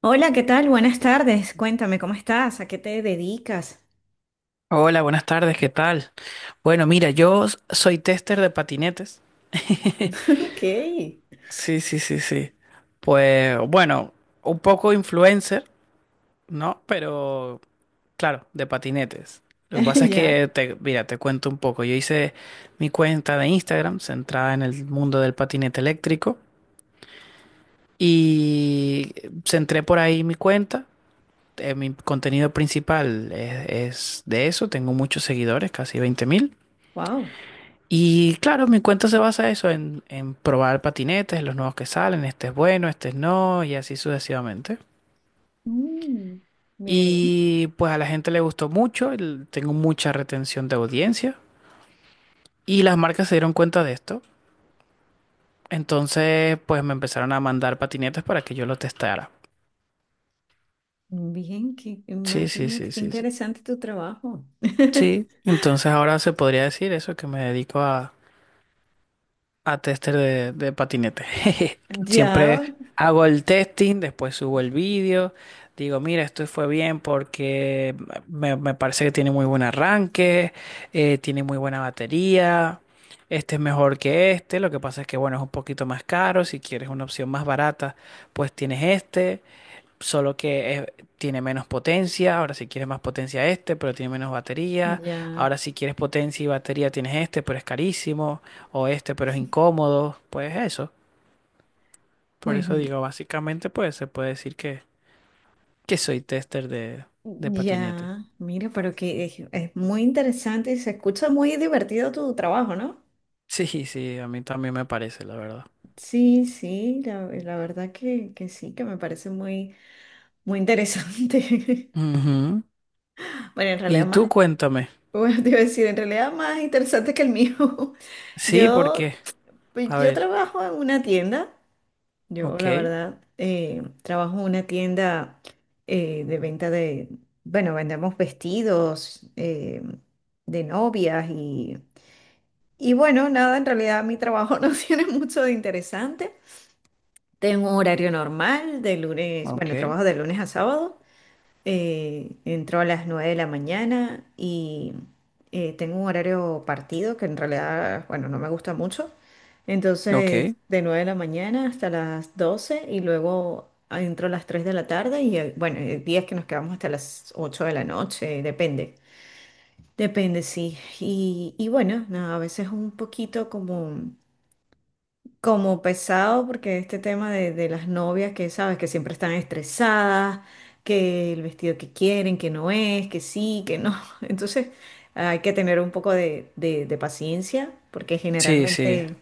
Hola, ¿qué tal? Buenas tardes. Cuéntame, ¿cómo estás? ¿A qué te dedicas? Hola, buenas tardes, ¿qué tal? Bueno, mira, yo soy tester de patinetes. Ok. Sí, sí, sí, sí. Pues bueno, un poco influencer, ¿no? Pero claro, de patinetes. Lo que pasa es Ya. que, mira, te cuento un poco. Yo hice mi cuenta de Instagram centrada en el mundo del patinete eléctrico y centré por ahí mi cuenta. Mi contenido principal es de eso. Tengo muchos seguidores, casi 20.000. Wow. Y claro, mi cuento se basa eso en probar patinetes, los nuevos que salen, este es bueno, este es no, y así sucesivamente. Bien. Y pues a la gente le gustó mucho, tengo mucha retención de audiencia y las marcas se dieron cuenta de esto. Entonces, pues me empezaron a mandar patinetes para que yo los testara. Bien, que, Sí, sí, imagínate sí, qué sí, sí. interesante tu trabajo. Sí, entonces ahora se podría decir eso, que me dedico a tester de patinete. Ya, Siempre hago el testing, después subo el vídeo, digo, mira, esto fue bien porque me parece que tiene muy buen arranque, tiene muy buena batería, este es mejor que este, lo que pasa es que, bueno, es un poquito más caro, si quieres una opción más barata, pues tienes este. Solo que tiene menos potencia, ahora si quieres más potencia este, pero tiene menos batería. ya. Ahora si quieres potencia y batería tienes este, pero es carísimo. O este, pero es incómodo. Pues eso. Por Pues eso digo, básicamente pues se puede decir que soy tester de patinete. ya. Mira, pero que es muy interesante y se escucha muy divertido tu trabajo, ¿no? Sí, sí, a mí también me parece, la verdad. Sí, sí, la verdad que sí, que me parece muy, muy interesante. Ujú. Bueno, en realidad Y tú más. cuéntame. Bueno, te iba a decir, en realidad más interesante que el mío. Sí, porque, Yo, pues a yo ver, trabajo en una tienda. Yo, la ok, verdad, trabajo en una tienda de venta de, bueno, vendemos vestidos de novias y bueno, nada, en realidad mi trabajo no tiene mucho de interesante. Tengo un horario normal de lunes, ok, bueno, trabajo de lunes a sábado. Entro a las 9 de la mañana y tengo un horario partido que en realidad, bueno, no me gusta mucho. Entonces, ok. de 9 de la mañana hasta las 12 y luego entro a las 3 de la tarde y bueno, hay días que nos quedamos hasta las 8 de la noche, depende. Depende, sí. Y bueno, nada, a veces un poquito como como pesado porque este tema de las novias que sabes que siempre están estresadas, que el vestido que quieren, que no es, que sí, que no. Entonces hay que tener un poco de, de paciencia porque Sí, sí. generalmente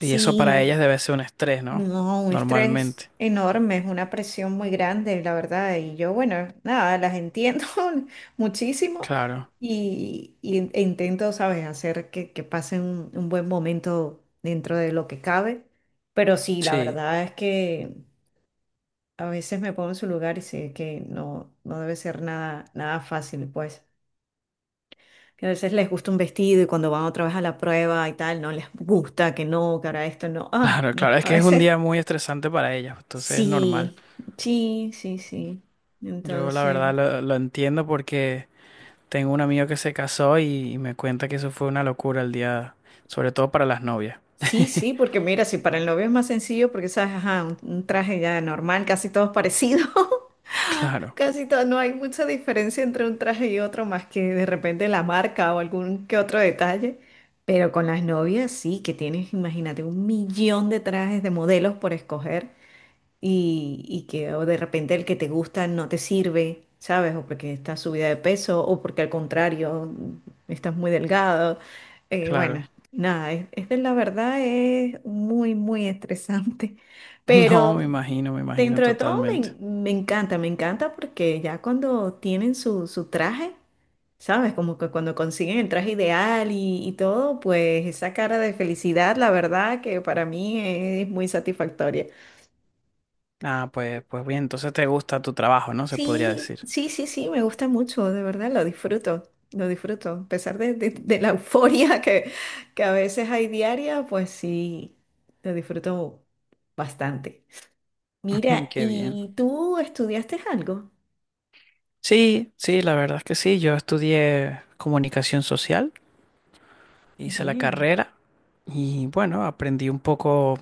Y eso para ellas debe ser un estrés, ¿no? no, un estrés Normalmente. enorme, es una presión muy grande, la verdad. Y yo, bueno, nada, las entiendo muchísimo Claro. y, e intento, ¿sabes?, hacer que pasen un buen momento dentro de lo que cabe. Pero sí, la Sí, verdad es que a veces me pongo en su lugar y sé que no, no debe ser nada, nada fácil, pues. Que a veces les gusta un vestido y cuando van otra vez a la prueba y tal, no les gusta, que no, que ahora esto no. Ay, claro, no, claro, es a que es un veces. día muy estresante para ellas, entonces es normal. Sí, sí, sí, sí. Yo la verdad Entonces, lo entiendo porque tengo un amigo que se casó y me cuenta que eso fue una locura el día, sobre todo para las novias. sí, sí, porque mira, si para el novio es más sencillo, porque sabes, ajá, un traje ya normal, casi todos parecidos, Claro, casi todo, no hay mucha diferencia entre un traje y otro, más que de repente la marca o algún que otro detalle. Pero con las novias sí, que tienes, imagínate, un millón de trajes de modelos por escoger. Y, y que o de repente el que te gusta no te sirve, ¿sabes? O porque estás subida de peso o porque al contrario estás muy delgado. Claro. Bueno, nada, es de la verdad es muy, muy estresante, No, pero me imagino dentro de todo me, totalmente. Me encanta porque ya cuando tienen su, su traje, ¿sabes? Como que cuando consiguen el traje ideal y todo, pues esa cara de felicidad, la verdad que para mí es muy satisfactoria. Ah, pues, pues bien, entonces te gusta tu trabajo, ¿no? Se podría Sí, decir. sí, sí, sí, me gusta mucho, de verdad, lo disfruto, lo disfruto. A pesar de, de la euforia que a veces hay diaria, pues sí, lo disfruto bastante. Mm, Mira, qué bien. ¿y tú estudiaste algo? Sí, sí, la verdad es que sí. Yo estudié comunicación social, hice la Bien, carrera y bueno, aprendí un poco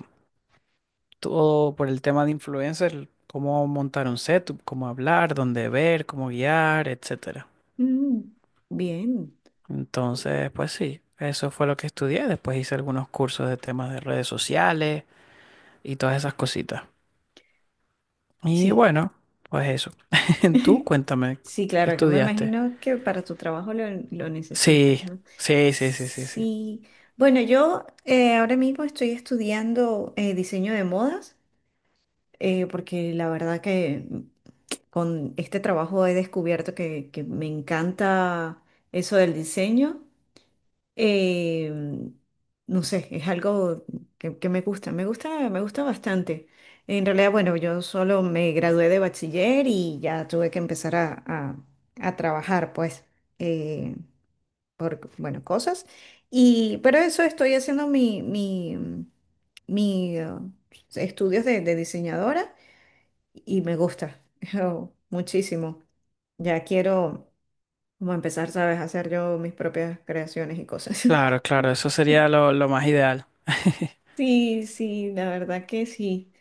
todo por el tema de influencers, cómo montar un setup, cómo hablar, dónde ver, cómo guiar, etcétera. mm, bien, Entonces, pues sí, eso fue lo que estudié. Después hice algunos cursos de temas de redes sociales y todas esas cositas. Y sí. bueno, pues eso. Tú cuéntame, Sí, ¿qué claro, que me estudiaste? imagino que para tu trabajo lo necesitas, Sí, ¿no? sí, sí, sí, sí, sí. Sí, bueno, yo ahora mismo estoy estudiando diseño de modas. Porque la verdad que con este trabajo he descubierto que me encanta eso del diseño. Eh, no sé, es algo que me gusta, me gusta, me gusta bastante. En realidad, bueno, yo solo me gradué de bachiller y ya tuve que empezar a, a trabajar, pues, eh, por, bueno, cosas. Y, pero eso estoy haciendo mi, mi, mi, estudios de diseñadora y me gusta yo, muchísimo. Ya quiero como empezar, ¿sabes? A hacer yo mis propias creaciones y cosas. Claro, claro, eso sería lo más ideal. Sí, sí, la verdad que sí.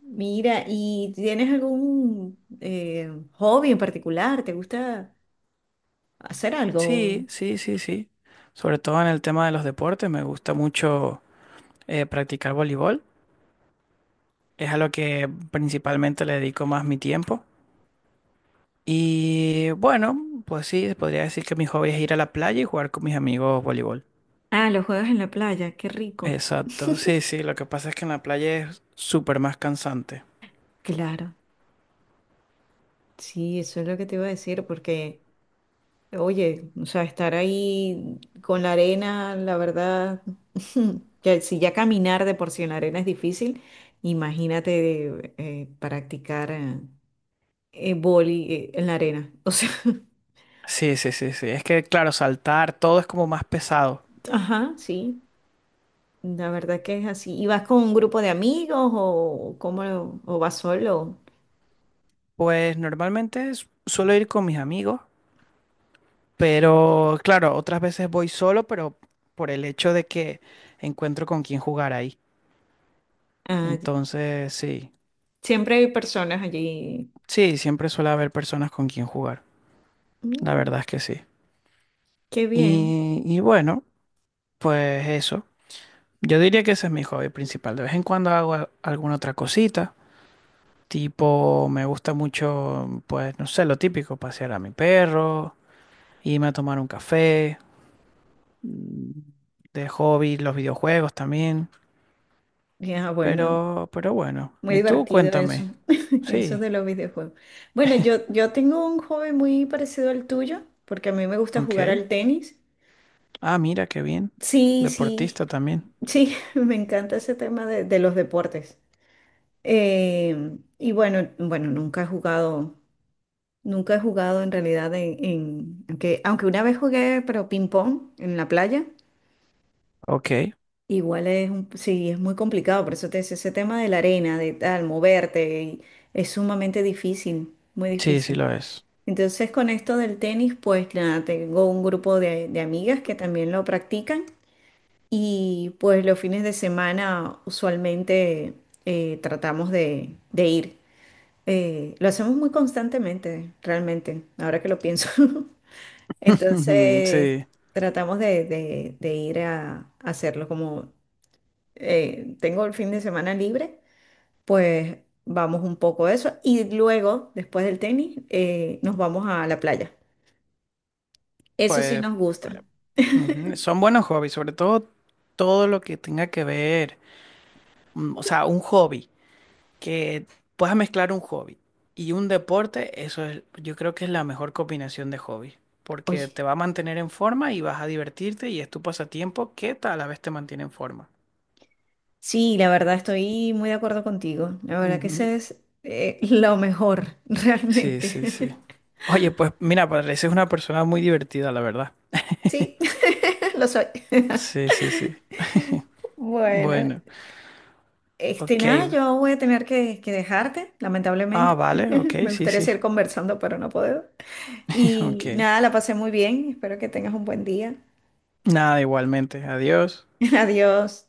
Mira, ¿y tienes algún hobby en particular? ¿Te gusta hacer algo? Sí, sí, sí, sí. Sobre todo en el tema de los deportes, me gusta mucho practicar voleibol. Es a lo que principalmente le dedico más mi tiempo. Y bueno, pues sí, podría decir que mi hobby es ir a la playa y jugar con mis amigos voleibol. Ah, los juegos en la playa, qué rico. Exacto, sí, sí, lo que pasa es que en la playa es súper más cansante. Claro, sí, eso es lo que te iba a decir, porque oye, o sea, estar ahí con la arena, la verdad, si ya caminar de por sí en la arena es difícil, imagínate practicar vóley, en la arena. O sea, Sí, sí, sí, sí. Es que, claro, saltar, todo es como más pesado. ajá, sí, la verdad que es así. ¿Y vas con un grupo de amigos o cómo, o vas solo? Pues normalmente suelo ir con mis amigos, pero claro, otras veces voy solo, pero por el hecho de que encuentro con quién jugar ahí. Ah, Entonces, sí, siempre hay personas allí. sí, siempre suele haber personas con quien jugar. La Mm, verdad es que sí. qué bien. Y bueno, pues eso. Yo diría que ese es mi hobby principal. De vez en cuando hago alguna otra cosita. Tipo, me gusta mucho, pues, no sé, lo típico, pasear a mi perro, irme a tomar un café. Mm, de hobby, los videojuegos también. Ya, bueno, Pero bueno. muy Y tú, divertido eso, cuéntame. eso Sí, de los videojuegos. Bueno, yo tengo un hobby muy parecido al tuyo, porque a mí me gusta jugar ok. al tenis. Ah, mira, qué bien. Sí, sí, Deportista también. sí, me encanta ese tema de los deportes. Y bueno, bueno, nunca he jugado, nunca he jugado en realidad en, aunque, aunque una vez jugué, pero ping pong en la playa. Ok. Igual es sí, es muy complicado, por eso te decía, ese tema de la arena, de tal, moverte, y es sumamente difícil, muy Sí, sí difícil. lo es. Entonces con esto del tenis, pues nada, tengo un grupo de amigas que también lo practican y pues los fines de semana usualmente tratamos de ir. Lo hacemos muy constantemente, realmente, ahora que lo pienso. Entonces Sí. tratamos de, de ir a hacerlo como tengo el fin de semana libre, pues vamos un poco a eso y luego, después del tenis, nos vamos a la playa. Eso sí Pues. nos gusta. Ujú, son buenos hobbies, sobre todo todo lo que tenga que ver, mm, o sea, un hobby, que puedas mezclar un hobby y un deporte, eso es, yo creo que es la mejor combinación de hobbies, porque Oye, te va a mantener en forma y vas a divertirte y es tu pasatiempo que a la vez te mantiene en forma. sí, la verdad estoy muy de acuerdo contigo. La verdad que Ujú. ese es lo mejor, Sí, realmente. sí, sí. Oye, pues mira, pareces una persona muy divertida, la verdad. Sí, lo soy. Sí, sí, sí. Bueno, Bueno, este ok. nada, yo voy a tener que dejarte, Ah, lamentablemente. vale, ok, Me sí, gustaría sí. seguir conversando, pero no puedo. Y Ok. nada, la pasé muy bien. Espero que tengas un buen día. Nada, igualmente. Adiós. Adiós.